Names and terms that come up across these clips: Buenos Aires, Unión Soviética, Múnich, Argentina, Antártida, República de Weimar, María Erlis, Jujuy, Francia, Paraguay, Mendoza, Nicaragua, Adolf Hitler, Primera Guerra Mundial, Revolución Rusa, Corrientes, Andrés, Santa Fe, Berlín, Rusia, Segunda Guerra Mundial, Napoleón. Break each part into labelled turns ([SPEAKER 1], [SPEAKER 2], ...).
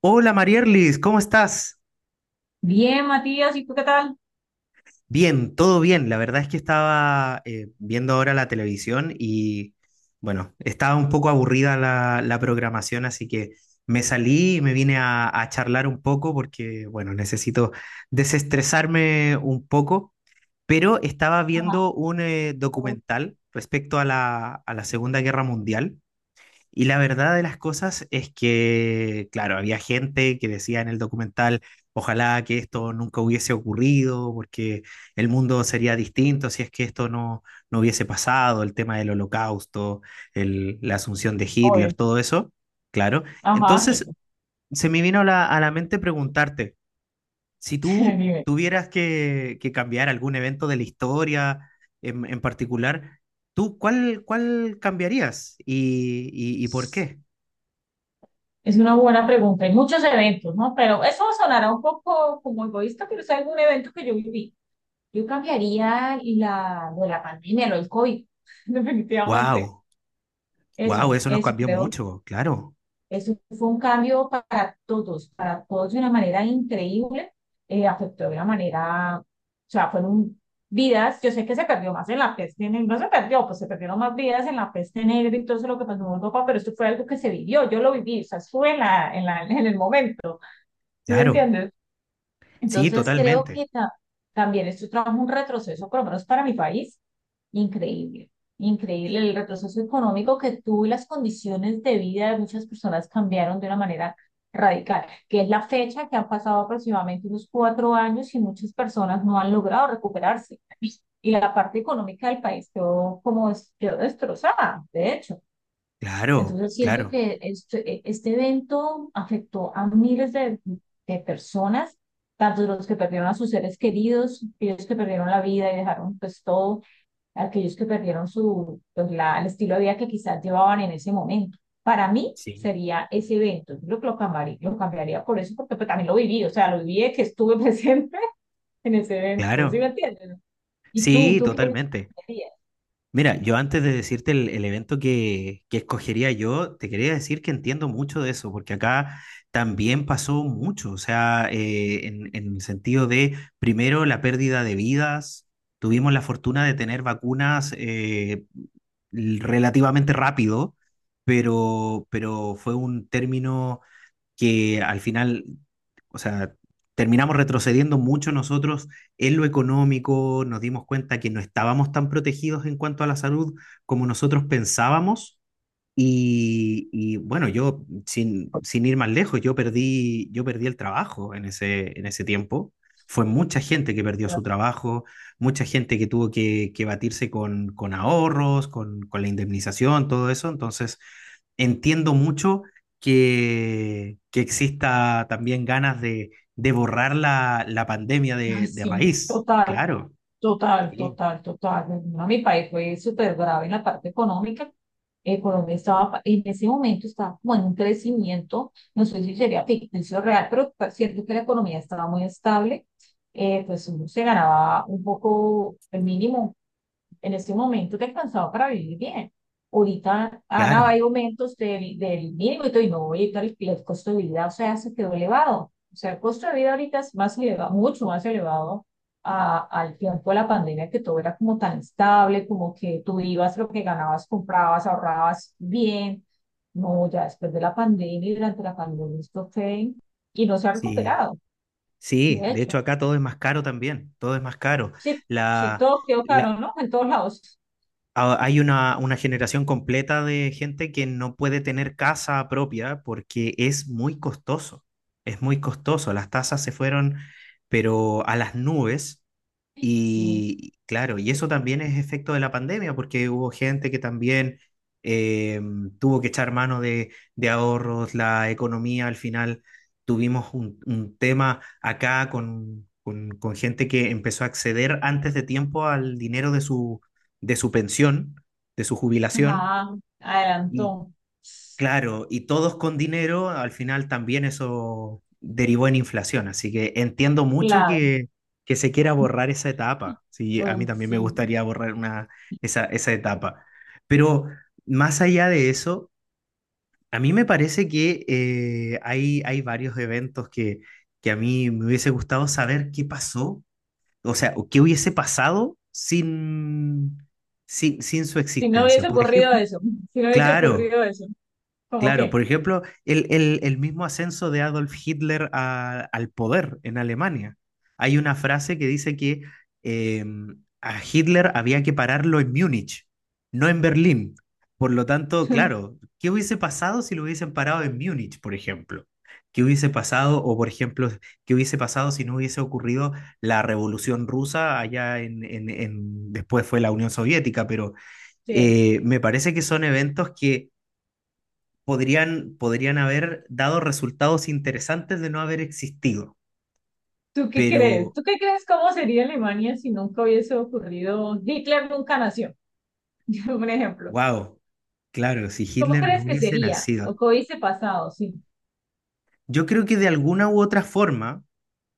[SPEAKER 1] Hola Marierlis, ¿cómo estás?
[SPEAKER 2] Bien, Matías, ¿y tú qué tal?
[SPEAKER 1] Bien, todo bien. La verdad es que estaba viendo ahora la televisión y bueno, estaba un poco aburrida la programación, así que me salí y me vine a charlar un poco porque bueno, necesito desestresarme un poco, pero estaba viendo un documental respecto a la Segunda Guerra Mundial. Y la verdad de las cosas es que, claro, había gente que decía en el documental, ojalá que esto nunca hubiese ocurrido, porque el mundo sería distinto si es que esto no hubiese pasado, el tema del holocausto, la asunción de Hitler,
[SPEAKER 2] Oye,
[SPEAKER 1] todo eso, claro.
[SPEAKER 2] ajá,
[SPEAKER 1] Entonces, se me vino a la mente preguntarte, si tú
[SPEAKER 2] dime.
[SPEAKER 1] tuvieras que cambiar algún evento de la historia en particular, ¿tú cuál cambiarías y, y por qué?
[SPEAKER 2] Es una buena pregunta. Hay muchos eventos, ¿no? Pero eso sonará un poco como egoísta, pero es algún evento que yo viví. Yo cambiaría lo de la pandemia, lo del COVID. Definitivamente.
[SPEAKER 1] Wow, wow,
[SPEAKER 2] Eso,
[SPEAKER 1] eso nos
[SPEAKER 2] eso
[SPEAKER 1] cambió
[SPEAKER 2] creo.
[SPEAKER 1] mucho, claro,
[SPEAKER 2] Eso fue un cambio para todos de una manera increíble, afectó de una manera, o sea, fueron vidas. Yo sé que se perdió más en la peste negra, no se perdió, pues se perdieron más vidas en la peste negra y todo eso lo que pasó en Europa, pero esto fue algo que se vivió, yo lo viví, o sea, estuve en el momento, ¿sí me
[SPEAKER 1] claro,
[SPEAKER 2] entiendes?
[SPEAKER 1] sí,
[SPEAKER 2] Entonces creo
[SPEAKER 1] totalmente,
[SPEAKER 2] que también esto trajo un retroceso, por lo menos para mi país, increíble, increíble el retroceso económico que tuvo, y las condiciones de vida de muchas personas cambiaron de una manera radical, que es la fecha que han pasado aproximadamente unos cuatro años y muchas personas no han logrado recuperarse. Y la parte económica del país quedó como quedó destrozada, de hecho.
[SPEAKER 1] claro,
[SPEAKER 2] Entonces siento
[SPEAKER 1] claro,
[SPEAKER 2] que este evento afectó a miles de personas, tanto los que perdieron a sus seres queridos, aquellos que perdieron la vida y dejaron pues todo, aquellos que perdieron su, pues, el estilo de vida que quizás llevaban en ese momento. Para mí
[SPEAKER 1] sí,
[SPEAKER 2] sería ese evento, yo creo que lo cambiaría por eso, porque pues, también lo viví, o sea, lo viví de que estuve presente en ese evento, ¿sí me
[SPEAKER 1] claro,
[SPEAKER 2] entiendes? ¿Y
[SPEAKER 1] sí,
[SPEAKER 2] tú qué
[SPEAKER 1] totalmente.
[SPEAKER 2] harías?
[SPEAKER 1] Mira, yo antes de decirte el evento que escogería yo, te quería decir que entiendo mucho de eso, porque acá también pasó mucho, o sea, en el sentido de, primero, la pérdida de vidas, tuvimos la fortuna de tener vacunas relativamente rápido, pero fue un término que al final, o sea, terminamos retrocediendo mucho nosotros en lo económico, nos dimos cuenta que no estábamos tan protegidos en cuanto a la salud como nosotros pensábamos. Y, bueno, yo, sin ir más lejos, yo perdí el trabajo en ese tiempo. Fue mucha gente que perdió su trabajo, mucha gente que tuvo que batirse con ahorros, con la indemnización, todo eso. Entonces, entiendo mucho que exista también ganas de borrar la pandemia
[SPEAKER 2] Ah,
[SPEAKER 1] de
[SPEAKER 2] sí,
[SPEAKER 1] raíz.
[SPEAKER 2] total.
[SPEAKER 1] Claro,
[SPEAKER 2] Total,
[SPEAKER 1] sí,
[SPEAKER 2] total, total. A mi país fue súper grave en la parte económica. Colombia en ese momento estaba como en un crecimiento, no sé si sería ficticio o real, pero cierto que la economía estaba muy estable. Pues uno se ganaba un poco el mínimo, en ese momento te alcanzaba para vivir bien. Ahorita, Ana, hay
[SPEAKER 1] claro.
[SPEAKER 2] aumentos del mínimo y todo, y no voy a el, costo de vida, o sea, se quedó elevado. O sea, el costo de vida ahorita es más elevado, mucho más elevado a, al tiempo de la pandemia, que todo era como tan estable, como que tú ibas lo que ganabas, comprabas, ahorrabas bien. No, ya después de la pandemia y durante la pandemia esto fue y no se ha
[SPEAKER 1] Sí,
[SPEAKER 2] recuperado,
[SPEAKER 1] sí.
[SPEAKER 2] de
[SPEAKER 1] De hecho,
[SPEAKER 2] hecho.
[SPEAKER 1] acá todo es más caro también. Todo es más caro.
[SPEAKER 2] Sí, sí,
[SPEAKER 1] La,
[SPEAKER 2] todo quedó caro,
[SPEAKER 1] la-
[SPEAKER 2] ¿no? En todos lados.
[SPEAKER 1] hay una generación completa de gente que no puede tener casa propia porque es muy costoso. Es muy costoso. Las tasas se fueron, pero a las nubes.
[SPEAKER 2] Sí.
[SPEAKER 1] Y claro, y eso también es efecto de la pandemia, porque hubo gente que también eh, tuvo que echar mano de ahorros, la economía, al final tuvimos un tema acá con gente que empezó a acceder antes de tiempo al dinero de sus de su pensión, de su jubilación,
[SPEAKER 2] Ajá,
[SPEAKER 1] y
[SPEAKER 2] adelantó.
[SPEAKER 1] claro, y todos con dinero, al final también eso derivó en inflación, así que entiendo mucho
[SPEAKER 2] Claro,
[SPEAKER 1] que se quiera borrar esa etapa, sí, a mí
[SPEAKER 2] uy,
[SPEAKER 1] también me
[SPEAKER 2] sí.
[SPEAKER 1] gustaría borrar una, esa etapa, pero más allá de eso, a mí me parece que hay varios eventos que a mí me hubiese gustado saber qué pasó, o sea, o qué hubiese pasado sin, sin su
[SPEAKER 2] Si no
[SPEAKER 1] existencia.
[SPEAKER 2] hubiese
[SPEAKER 1] Por
[SPEAKER 2] ocurrido
[SPEAKER 1] ejemplo,
[SPEAKER 2] eso, si no hubiese
[SPEAKER 1] claro.
[SPEAKER 2] ocurrido eso, ¿cómo
[SPEAKER 1] Claro,
[SPEAKER 2] qué?
[SPEAKER 1] por ejemplo, el mismo ascenso de Adolf Hitler al poder en Alemania. Hay una frase que dice que eh, a Hitler había que pararlo en Múnich, no en Berlín. Por lo tanto, claro, ¿qué hubiese pasado si lo hubiesen parado en Múnich, por ejemplo? ¿Qué hubiese pasado, o por ejemplo, qué hubiese pasado si no hubiese ocurrido la Revolución Rusa allá en, después fue la Unión Soviética? Pero
[SPEAKER 2] Sí.
[SPEAKER 1] me parece que son eventos que podrían haber dado resultados interesantes de no haber existido.
[SPEAKER 2] ¿Tú qué crees?
[SPEAKER 1] Pero,
[SPEAKER 2] ¿Tú qué crees cómo sería Alemania si nunca hubiese ocurrido? Hitler nunca nació, un ejemplo.
[SPEAKER 1] wow, claro, si
[SPEAKER 2] ¿Cómo
[SPEAKER 1] Hitler no
[SPEAKER 2] crees que
[SPEAKER 1] hubiese
[SPEAKER 2] sería? ¿O
[SPEAKER 1] nacido,
[SPEAKER 2] qué hubiese pasado? Sí,
[SPEAKER 1] yo creo que de alguna u otra forma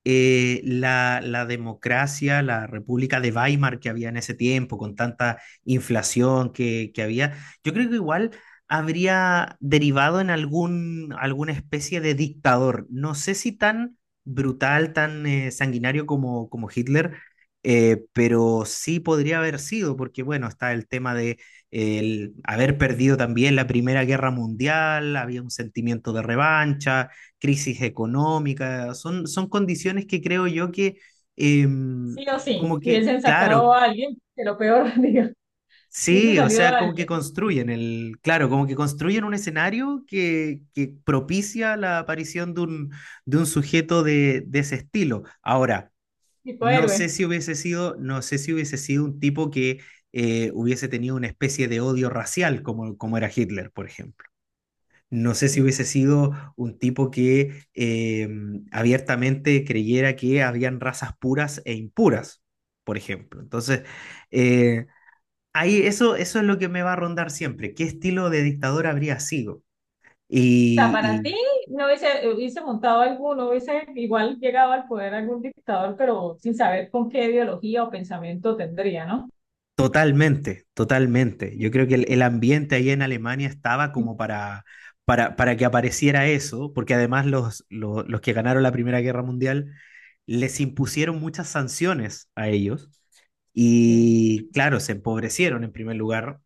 [SPEAKER 1] la democracia, la República de Weimar que había en ese tiempo, con tanta inflación que había, yo creo que igual habría derivado en algún, alguna especie de dictador. No sé si tan brutal, tan sanguinario como, como Hitler, pero sí podría haber sido, porque bueno, está el tema de el haber perdido también la Primera Guerra Mundial, había un sentimiento de revancha, crisis económica, son condiciones que creo yo que, em,
[SPEAKER 2] sí o sí.
[SPEAKER 1] como que,
[SPEAKER 2] Hubiesen sacado
[SPEAKER 1] claro,
[SPEAKER 2] a alguien, que lo peor, digo, hubiese
[SPEAKER 1] sí, o
[SPEAKER 2] salido
[SPEAKER 1] sea, como que
[SPEAKER 2] alguien,
[SPEAKER 1] construyen claro, como que construyen un escenario que propicia la aparición de un sujeto de ese estilo. Ahora,
[SPEAKER 2] tipo
[SPEAKER 1] no sé
[SPEAKER 2] héroe.
[SPEAKER 1] si hubiese sido, no sé si hubiese sido un tipo que hubiese tenido una especie de odio racial como, como era Hitler, por ejemplo. No sé si
[SPEAKER 2] Sí.
[SPEAKER 1] hubiese sido un tipo que abiertamente creyera que habían razas puras e impuras, por ejemplo. Entonces, eh, ahí eso, eso es lo que me va a rondar siempre. ¿Qué estilo de dictador habría sido?
[SPEAKER 2] Sea, para
[SPEAKER 1] Y,
[SPEAKER 2] ti no hubiese, hubiese montado alguno, hubiese igual llegado al poder algún dictador, pero sin saber con qué ideología o pensamiento tendría, ¿no?
[SPEAKER 1] totalmente, totalmente. Yo creo que el ambiente ahí en Alemania estaba como para, para que apareciera eso, porque además los, que ganaron la Primera Guerra Mundial les impusieron muchas sanciones a ellos y claro, se empobrecieron en primer lugar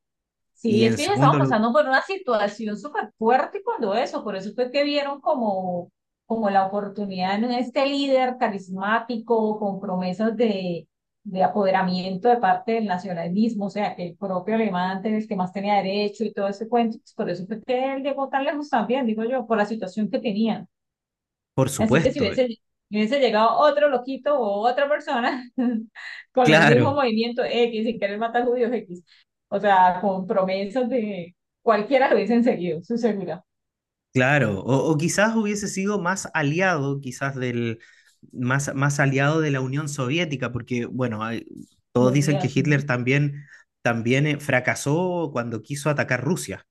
[SPEAKER 2] Sí,
[SPEAKER 1] y
[SPEAKER 2] es
[SPEAKER 1] en
[SPEAKER 2] que ya estaban
[SPEAKER 1] segundo,
[SPEAKER 2] pasando por una situación súper fuerte cuando eso, por eso fue que vieron como, como la oportunidad en este líder carismático, con promesas de apoderamiento de parte del nacionalismo, o sea, que el propio alemán era el que más tenía derecho y todo ese cuento, pues por eso fue que él llegó tan lejos también, digo yo, por la situación que tenía.
[SPEAKER 1] por
[SPEAKER 2] Así que
[SPEAKER 1] supuesto,
[SPEAKER 2] si hubiese llegado otro loquito o otra persona con el mismo
[SPEAKER 1] claro.
[SPEAKER 2] movimiento X sin querer matar judíos X, o sea, con promesas de cualquiera lo hubiesen seguido, su seguridad.
[SPEAKER 1] Claro, o quizás hubiese sido más aliado, quizás del, más, más aliado de la Unión Soviética, porque, bueno, todos
[SPEAKER 2] Los
[SPEAKER 1] dicen que
[SPEAKER 2] días,
[SPEAKER 1] Hitler
[SPEAKER 2] ¿no?
[SPEAKER 1] también, también fracasó cuando quiso atacar Rusia.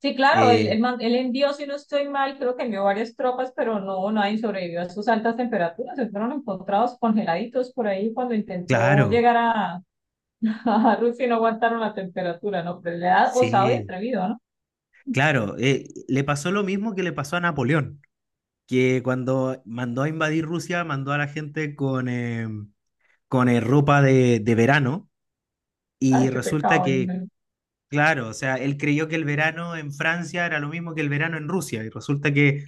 [SPEAKER 2] Sí, claro,
[SPEAKER 1] Eh,
[SPEAKER 2] él envió, si no estoy mal, creo que envió varias tropas, pero no, nadie sobrevivió a sus altas temperaturas. Se fueron encontrados congeladitos por ahí cuando intentó
[SPEAKER 1] claro,
[SPEAKER 2] llegar a, a Rusia, y no aguantaron la temperatura, ¿no? Pero le da osado y
[SPEAKER 1] sí,
[SPEAKER 2] atrevido, ¿no?
[SPEAKER 1] claro, le pasó lo mismo que le pasó a Napoleón, que cuando mandó a invadir Rusia, mandó a la gente con, ropa de verano. Y
[SPEAKER 2] Ay, qué
[SPEAKER 1] resulta
[SPEAKER 2] pecado.
[SPEAKER 1] que
[SPEAKER 2] Dios
[SPEAKER 1] claro, o sea, él creyó que el verano en Francia era lo mismo que el verano en Rusia y resulta que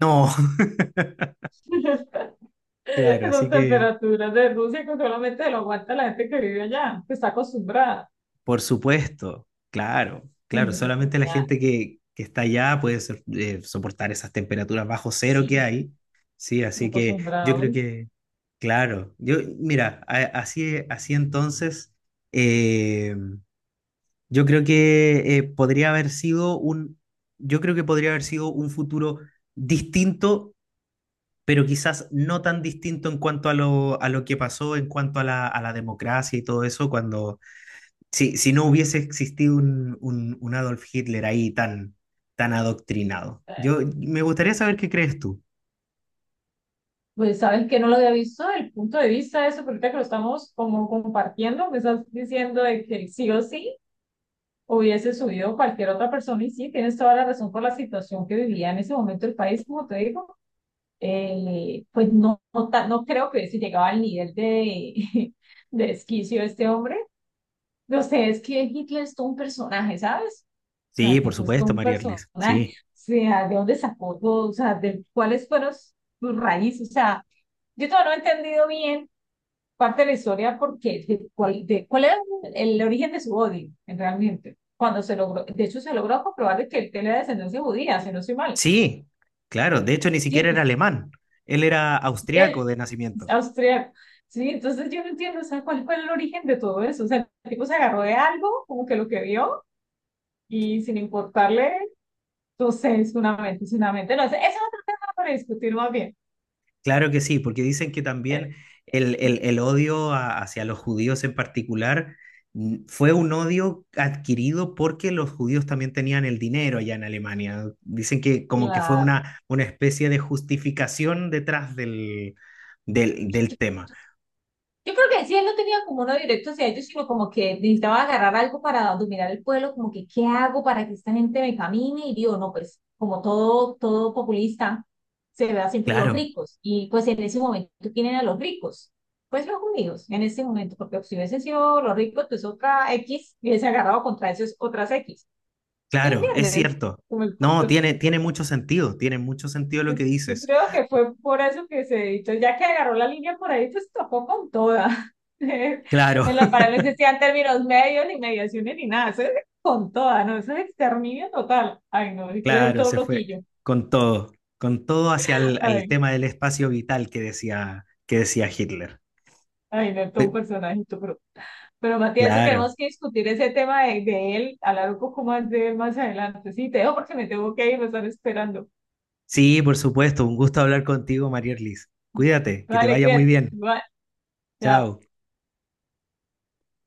[SPEAKER 1] no,
[SPEAKER 2] mío.
[SPEAKER 1] claro, así
[SPEAKER 2] Esas
[SPEAKER 1] que
[SPEAKER 2] temperaturas de Rusia que solamente lo aguanta la gente que vive allá, que está acostumbrada.
[SPEAKER 1] por supuesto, claro, claro,
[SPEAKER 2] Y
[SPEAKER 1] solamente la
[SPEAKER 2] sería,
[SPEAKER 1] gente que está allá puede soportar esas temperaturas bajo cero
[SPEAKER 2] sí,
[SPEAKER 1] que hay, sí, así que yo creo
[SPEAKER 2] acostumbrados.
[SPEAKER 1] que, claro, yo, mira, así, así entonces, eh, yo creo que podría haber sido un, yo creo que podría haber sido un futuro distinto, pero quizás no tan distinto en cuanto a lo que pasó, en cuanto a a la democracia y todo eso, cuando si, si no hubiese existido un, un Adolf Hitler ahí tan, tan adoctrinado.
[SPEAKER 2] Eh,
[SPEAKER 1] Yo me gustaría saber qué crees tú.
[SPEAKER 2] Pues sabes que no lo había visto desde el punto de vista de eso, porque ahorita que lo estamos como compartiendo, me estás diciendo de que sí o sí hubiese subido cualquier otra persona y sí, tienes toda la razón por la situación que vivía en ese momento el país, como te digo. Pues no, no creo que hubiese llegado al nivel de, de desquicio de este hombre. No sé, es que Hitler es todo un personaje, ¿sabes? O sea,
[SPEAKER 1] Sí, por
[SPEAKER 2] tipo, es todo
[SPEAKER 1] supuesto,
[SPEAKER 2] un
[SPEAKER 1] María Erlis.
[SPEAKER 2] personaje. O
[SPEAKER 1] Sí,
[SPEAKER 2] sea, ¿de dónde sacó todo? O sea, de cuáles fueron sus raíces. O sea, yo todavía no he entendido bien parte de la historia porque de cuál era el origen de su odio, en realmente. Cuando se logró, de hecho, se logró comprobar de que él tenía descendencia judía, si no soy mal.
[SPEAKER 1] sí, claro. De hecho, ni
[SPEAKER 2] Sí,
[SPEAKER 1] siquiera era
[SPEAKER 2] entonces,
[SPEAKER 1] alemán. Él era austriaco
[SPEAKER 2] él
[SPEAKER 1] de
[SPEAKER 2] es
[SPEAKER 1] nacimiento.
[SPEAKER 2] austriaco. Sí, entonces yo no entiendo, o sea, cuál fue el origen de todo eso. O sea, el tipo se agarró de algo, como que lo que vio y sin importarle. Entonces, fundamentos, fundamentos. No, ese es otro tema para discutir más bien.
[SPEAKER 1] Claro que sí, porque dicen que
[SPEAKER 2] Eh,
[SPEAKER 1] también el odio hacia los judíos en particular fue un odio adquirido porque los judíos también tenían el dinero allá en Alemania. Dicen que como que fue
[SPEAKER 2] Claro.
[SPEAKER 1] una especie de justificación detrás del, del tema.
[SPEAKER 2] Yo creo que si él no tenía como uno directo hacia ellos, sino como que necesitaba agarrar algo para dominar el pueblo, como que, ¿qué hago para que esta gente me camine? Y digo, no, pues como todo, todo populista, se ve a siempre los
[SPEAKER 1] Claro,
[SPEAKER 2] ricos. Y pues en ese momento, ¿quién a los ricos? Pues los judíos, en ese momento, porque si hubiesen sido los ricos, pues otra X, y hubiese agarrado contra esos otras X. ¿Sí me
[SPEAKER 1] claro, es
[SPEAKER 2] entiendes?
[SPEAKER 1] cierto.
[SPEAKER 2] Como el
[SPEAKER 1] No,
[SPEAKER 2] punto.
[SPEAKER 1] tiene, tiene mucho sentido lo
[SPEAKER 2] Yo
[SPEAKER 1] que
[SPEAKER 2] yo
[SPEAKER 1] dices.
[SPEAKER 2] creo que fue por eso que se editó, ya que agarró la línea por ahí, pues tocó con toda.
[SPEAKER 1] Claro.
[SPEAKER 2] En la pared no existían términos medios, ni mediaciones, ni nada, eso es con toda, ¿no? Eso es exterminio total. Ay, no, y claro,
[SPEAKER 1] Claro,
[SPEAKER 2] todo
[SPEAKER 1] se fue
[SPEAKER 2] loquillo.
[SPEAKER 1] con todo, con todo hacia el
[SPEAKER 2] Ay,
[SPEAKER 1] tema del espacio vital que decía Hitler.
[SPEAKER 2] ay, no, todo un
[SPEAKER 1] Eh,
[SPEAKER 2] personajito, pero Matías, eso tenemos
[SPEAKER 1] Claro.
[SPEAKER 2] que discutir ese tema de él, hablar un poco más de él más adelante. Sí, te dejo porque me tengo que ir, me están esperando.
[SPEAKER 1] Sí, por supuesto, un gusto hablar contigo, María Erlis. Cuídate, que te
[SPEAKER 2] Vale,
[SPEAKER 1] vaya muy
[SPEAKER 2] cuídate.
[SPEAKER 1] bien.
[SPEAKER 2] Igual, chao.
[SPEAKER 1] Chao.